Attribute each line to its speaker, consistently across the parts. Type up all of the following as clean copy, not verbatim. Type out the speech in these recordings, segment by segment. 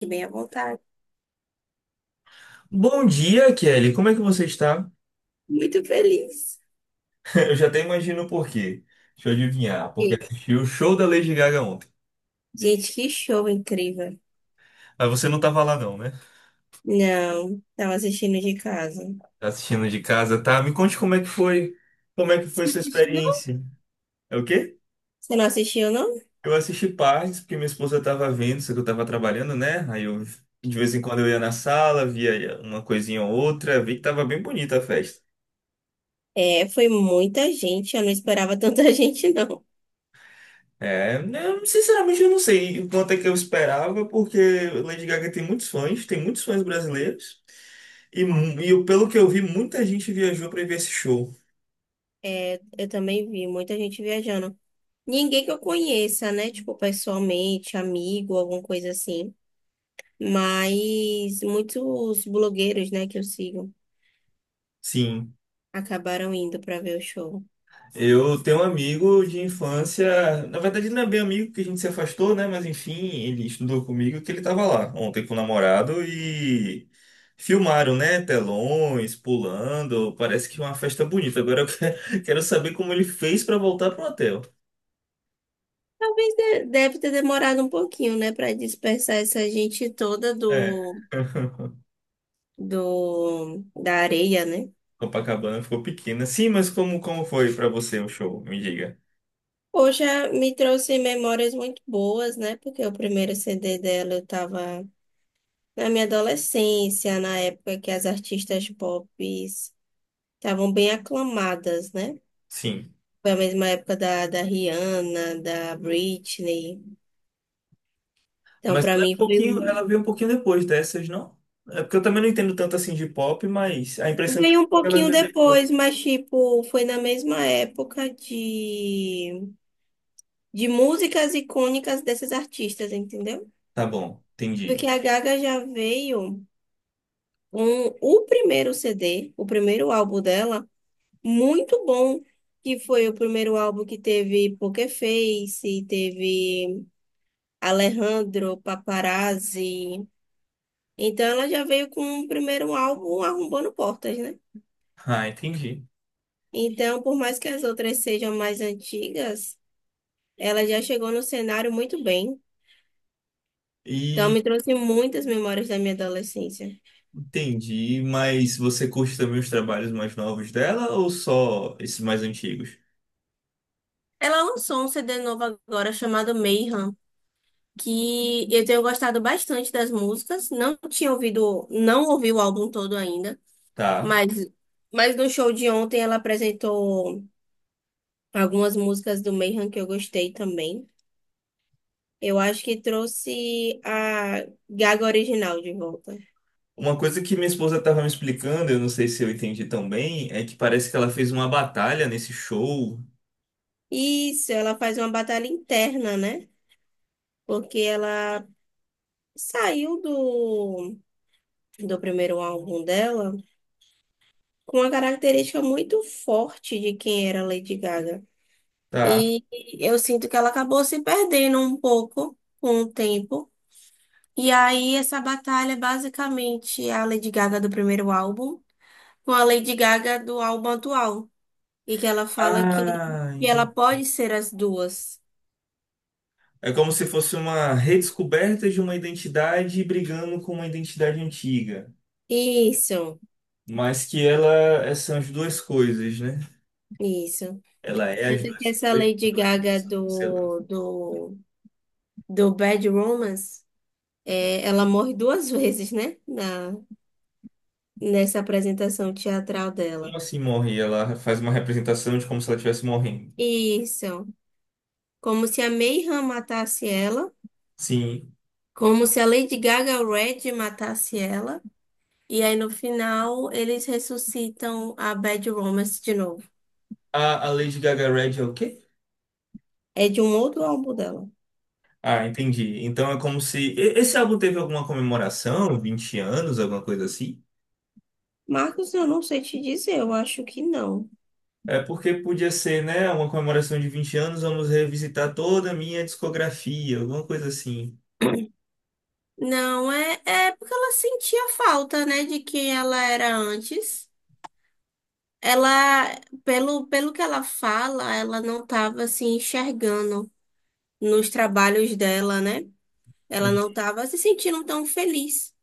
Speaker 1: Fique bem à vontade.
Speaker 2: Bom dia, Kelly. Como é que você está?
Speaker 1: Muito feliz.
Speaker 2: Eu já até imagino o porquê. Deixa eu adivinhar. Porque
Speaker 1: E,
Speaker 2: assisti o show da Lady Gaga ontem.
Speaker 1: Gente, que show incrível.
Speaker 2: Mas você não estava lá não, né?
Speaker 1: Não, tava assistindo de casa.
Speaker 2: Tá assistindo de casa, tá? Me conte como é que foi. Como é que foi
Speaker 1: Você não
Speaker 2: sua
Speaker 1: assistiu, não?
Speaker 2: experiência? É o quê?
Speaker 1: Você não assistiu, não?
Speaker 2: Eu assisti partes, porque minha esposa estava vendo, só que eu estava trabalhando, né? Aí eu, de vez em quando eu ia na sala, via uma coisinha ou outra, vi que estava bem bonita a festa.
Speaker 1: É, foi muita gente. Eu não esperava tanta gente, não.
Speaker 2: É, né, sinceramente eu não sei o quanto é que eu esperava, porque Lady Gaga tem muitos fãs brasileiros. E pelo que eu vi, muita gente viajou para ver esse show.
Speaker 1: É, eu também vi muita gente viajando. Ninguém que eu conheça, né? Tipo, pessoalmente, amigo, alguma coisa assim. Mas muitos blogueiros, né, que eu sigo,
Speaker 2: Sim.
Speaker 1: acabaram indo pra ver o show.
Speaker 2: Eu tenho um amigo de infância, na verdade ele não é bem amigo porque a gente se afastou, né? Mas enfim, ele estudou comigo que ele tava lá ontem com o namorado e filmaram, né? Telões, pulando, parece que uma festa bonita. Agora eu quero saber como ele fez para voltar pro hotel.
Speaker 1: Talvez deve ter demorado um pouquinho, né, para dispersar essa gente toda
Speaker 2: É.
Speaker 1: do, da areia, né?
Speaker 2: Copacabana ficou pequena. Sim, mas como foi para você o show? Me diga.
Speaker 1: Poxa, me trouxe memórias muito boas, né? Porque o primeiro CD dela eu tava na minha adolescência, na época que as artistas pop estavam bem aclamadas, né?
Speaker 2: Sim.
Speaker 1: Foi a mesma época da, Rihanna, da Britney. Então,
Speaker 2: Mas
Speaker 1: para
Speaker 2: ela é um
Speaker 1: mim,
Speaker 2: pouquinho, ela veio um pouquinho depois dessas, não? É porque eu também não entendo tanto assim de pop, mas a impressão que eu
Speaker 1: veio um
Speaker 2: tenho é que ela
Speaker 1: pouquinho
Speaker 2: veio depois.
Speaker 1: depois, mas, tipo, foi na mesma época de músicas icônicas desses artistas, entendeu?
Speaker 2: Tá bom,
Speaker 1: Porque
Speaker 2: entendi.
Speaker 1: a Gaga já veio com o primeiro CD, o primeiro álbum dela, muito bom, que foi o primeiro álbum que teve Poker Face, teve Alejandro, Paparazzi. Então ela já veio com o primeiro álbum arrombando portas, né?
Speaker 2: Ah, entendi.
Speaker 1: Então, por mais que as outras sejam mais antigas, ela já chegou no cenário muito bem. Então,
Speaker 2: E
Speaker 1: me trouxe muitas memórias da minha adolescência.
Speaker 2: entendi, mas você curte também os trabalhos mais novos dela ou só esses mais antigos?
Speaker 1: Ela lançou um CD novo agora chamado Mayhem, que eu tenho gostado bastante das músicas. Não tinha ouvido, não ouvi o álbum todo ainda,
Speaker 2: Tá.
Speaker 1: mas, no show de ontem ela apresentou algumas músicas do Mayhem que eu gostei também. Eu acho que trouxe a Gaga original de volta.
Speaker 2: Uma coisa que minha esposa estava me explicando, eu não sei se eu entendi tão bem, é que parece que ela fez uma batalha nesse show.
Speaker 1: Isso, ela faz uma batalha interna, né? Porque ela saiu do, primeiro álbum dela, com uma característica muito forte de quem era Lady Gaga.
Speaker 2: Tá.
Speaker 1: E eu sinto que ela acabou se perdendo um pouco com o tempo. E aí, essa batalha é basicamente a Lady Gaga do primeiro álbum com a Lady Gaga do álbum atual. E que ela fala que,
Speaker 2: Ah,
Speaker 1: ela
Speaker 2: entendi.
Speaker 1: pode ser as duas.
Speaker 2: É como se fosse uma redescoberta de uma identidade brigando com uma identidade antiga.
Speaker 1: Isso,
Speaker 2: Mas que ela são as duas coisas, né?
Speaker 1: isso.
Speaker 2: Ela é as
Speaker 1: Tanto que
Speaker 2: duas
Speaker 1: essa
Speaker 2: coisas,
Speaker 1: Lady
Speaker 2: ela é,
Speaker 1: Gaga
Speaker 2: sei lá.
Speaker 1: do, Bad Romance, é, ela morre duas vezes, né? Nessa apresentação teatral
Speaker 2: Como
Speaker 1: dela.
Speaker 2: assim morre? Ela faz uma representação de como se ela estivesse morrendo.
Speaker 1: Isso. Como se a Mayhem matasse ela,
Speaker 2: Sim.
Speaker 1: como se a Lady Gaga Red matasse ela, e aí no final eles ressuscitam a Bad Romance de novo.
Speaker 2: A Lady Gaga Red é o quê?
Speaker 1: É de um outro álbum dela.
Speaker 2: Ah, entendi. Então é como se. Esse álbum teve alguma comemoração, 20 anos, alguma coisa assim?
Speaker 1: Marcos, eu não sei te dizer, eu acho que não.
Speaker 2: É porque podia ser, né? Uma comemoração de 20 anos, vamos revisitar toda a minha discografia, alguma coisa assim.
Speaker 1: Não, é, porque ela sentia falta, né, de quem ela era antes. Ela, Pelo, que ela fala, ela não estava se enxergando nos trabalhos dela, né? Ela não estava se sentindo tão feliz.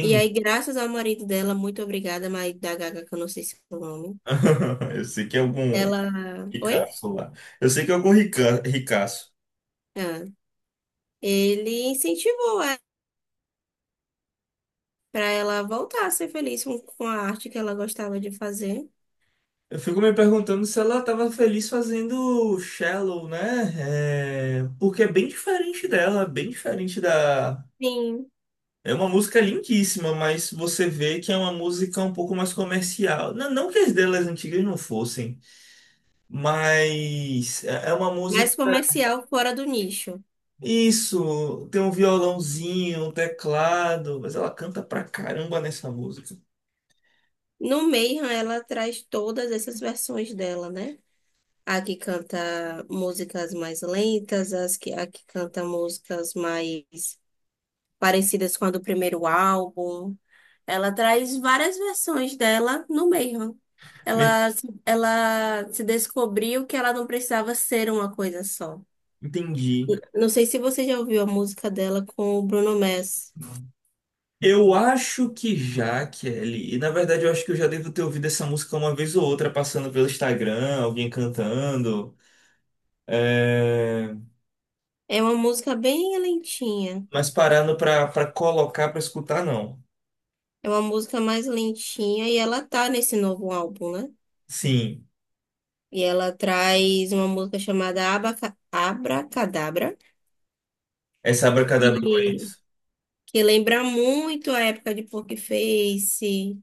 Speaker 1: E aí, graças ao marido dela, muito obrigada, marido da Gaga, que eu não sei se é o nome.
Speaker 2: Eu sei que é algum
Speaker 1: Ela. Oi?
Speaker 2: ricaço lá. Eu sei que é algum ricaço.
Speaker 1: Ah, ele incentivou ela para ela voltar a ser feliz com, a arte que ela gostava de fazer.
Speaker 2: Eu fico me perguntando se ela estava feliz fazendo Shallow, né? É, porque é bem diferente dela, bem diferente da.
Speaker 1: Sim.
Speaker 2: É uma música lindíssima, mas você vê que é uma música um pouco mais comercial. Não, não que as delas antigas não fossem, mas é uma música.
Speaker 1: Mais comercial, fora do nicho.
Speaker 2: Isso, tem um violãozinho, um teclado, mas ela canta pra caramba nessa música.
Speaker 1: No Mayhem, ela traz todas essas versões dela, né? A que canta músicas mais lentas, a que canta músicas mais parecidas com a do primeiro álbum. Ela traz várias versões dela no meio. Ela, ela se descobriu que ela não precisava ser uma coisa só.
Speaker 2: Entendi.
Speaker 1: Não sei se você já ouviu a música dela com o Bruno Mars.
Speaker 2: Eu acho que já, Kelly. E na verdade eu acho que eu já devo ter ouvido essa música uma vez ou outra passando pelo Instagram, alguém cantando. É,
Speaker 1: É uma música bem lentinha.
Speaker 2: mas parando pra colocar pra escutar, não.
Speaker 1: É uma música mais lentinha e ela tá nesse novo álbum, né?
Speaker 2: Sim,
Speaker 1: E ela traz uma música chamada Abracadabra,
Speaker 2: essa Abracadabra eu
Speaker 1: que,
Speaker 2: conheço.
Speaker 1: lembra muito a época de Poker Face,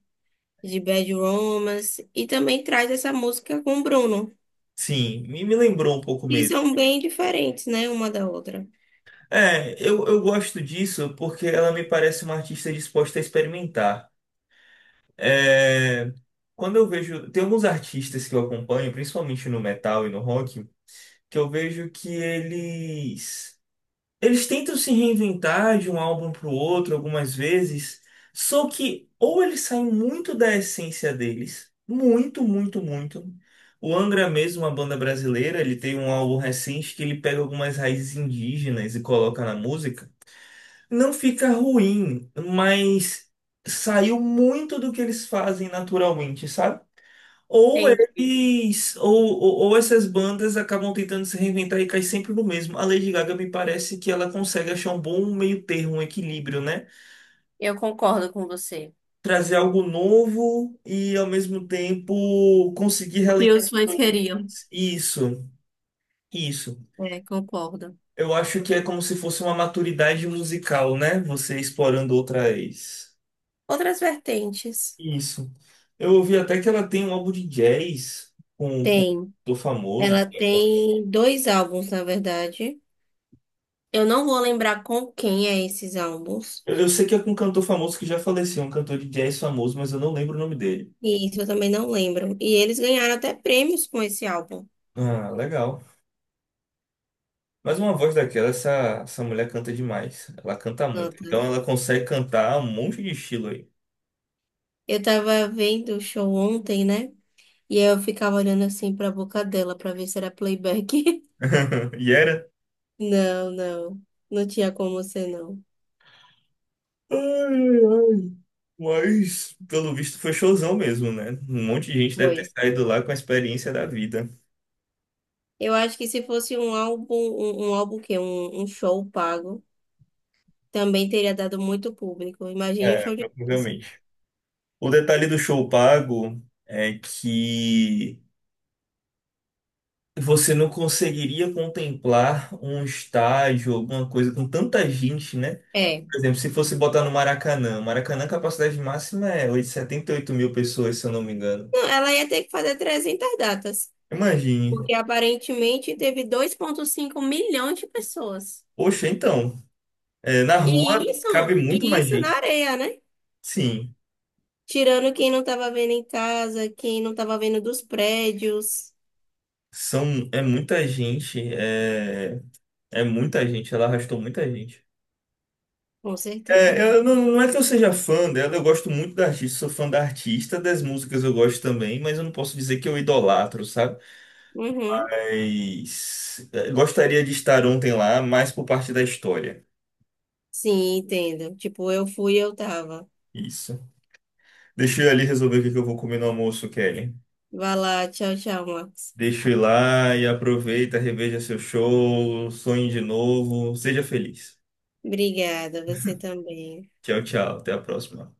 Speaker 1: de Bad Romance, e também traz essa música com o Bruno,
Speaker 2: Sim, me lembrou um pouco
Speaker 1: que
Speaker 2: mesmo.
Speaker 1: são bem diferentes, né, uma da outra.
Speaker 2: É, eu gosto disso porque ela me parece uma artista disposta a experimentar. É, quando eu vejo. Tem alguns artistas que eu acompanho, principalmente no metal e no rock. Que eu vejo que eles tentam se reinventar de um álbum para o outro algumas vezes, só que ou eles saem muito da essência deles, muito, muito, muito. O Angra é mesmo, uma banda brasileira, ele tem um álbum recente que ele pega algumas raízes indígenas e coloca na música. Não fica ruim, mas saiu muito do que eles fazem naturalmente, sabe? Ou
Speaker 1: Entendi.
Speaker 2: eles, ou essas bandas acabam tentando se reinventar e cai sempre no mesmo. A Lady Gaga me parece que ela consegue achar um bom meio termo, um equilíbrio, né?
Speaker 1: Eu concordo com você.
Speaker 2: Trazer algo novo e ao mesmo tempo conseguir
Speaker 1: O que
Speaker 2: relembrar
Speaker 1: os fãs
Speaker 2: os
Speaker 1: queriam.
Speaker 2: hits. Isso, isso.
Speaker 1: É, concordo.
Speaker 2: Eu acho que é como se fosse uma maturidade musical, né? Você explorando outras.
Speaker 1: Outras vertentes.
Speaker 2: Isso. Eu ouvi até que ela tem um álbum de jazz com um
Speaker 1: Tem.
Speaker 2: cantor famoso.
Speaker 1: Ela tem dois álbuns, na verdade. Eu não vou lembrar com quem é esses álbuns.
Speaker 2: Eu sei que é com um cantor famoso que já faleceu, um cantor de jazz famoso, mas eu não lembro o nome dele.
Speaker 1: E isso eu também não lembro. E eles ganharam até prêmios com esse álbum.
Speaker 2: Ah, legal. Mas uma voz daquela, essa mulher canta demais. Ela canta muito.
Speaker 1: Nota.
Speaker 2: Então ela consegue cantar um monte de estilo aí.
Speaker 1: Eu tava vendo o show ontem, né? E aí eu ficava olhando assim pra boca dela pra ver se era playback.
Speaker 2: E era.
Speaker 1: Não, não. Não tinha como ser, não.
Speaker 2: Ai, ai. Mas, pelo visto, foi showzão mesmo, né? Um monte de gente deve ter
Speaker 1: Foi.
Speaker 2: saído lá com a experiência da vida.
Speaker 1: Eu acho que se fosse um álbum, um álbum que um show pago, também teria dado muito público. Imagine um
Speaker 2: É,
Speaker 1: show de dança.
Speaker 2: provavelmente. O detalhe do show pago é que você não conseguiria contemplar um estádio, alguma coisa com tanta gente, né?
Speaker 1: É.
Speaker 2: Por exemplo, se fosse botar no Maracanã. Maracanã, a capacidade máxima é 78.000 pessoas, se eu não me engano.
Speaker 1: Não, ela ia ter que fazer 300 datas,
Speaker 2: Imagine.
Speaker 1: porque aparentemente teve 2,5 milhões de pessoas.
Speaker 2: Poxa, então, é, na rua
Speaker 1: E
Speaker 2: cabe
Speaker 1: isso,
Speaker 2: muito
Speaker 1: e
Speaker 2: mais
Speaker 1: isso na
Speaker 2: gente.
Speaker 1: areia, né?
Speaker 2: Sim,
Speaker 1: Tirando quem não estava vendo em casa, quem não estava vendo dos prédios.
Speaker 2: é muita gente. É, é muita gente. Ela arrastou muita gente.
Speaker 1: Com
Speaker 2: É,
Speaker 1: certeza.
Speaker 2: eu não, não é que eu seja fã dela, eu gosto muito da artista, sou fã da artista, das músicas eu gosto também, mas eu não posso dizer que eu idolatro, sabe?
Speaker 1: Uhum.
Speaker 2: Mas gostaria de estar ontem lá, mais por parte da história.
Speaker 1: Sim, entendo. Tipo, eu tava.
Speaker 2: Isso. Deixa eu ir ali resolver o que que eu vou comer no almoço, Kelly.
Speaker 1: Vai lá, tchau, tchau, Marcos.
Speaker 2: Deixa eu ir lá e aproveita, reveja seu show, sonhe de novo, seja feliz.
Speaker 1: Obrigada, você também.
Speaker 2: Tchau, tchau. Até a próxima.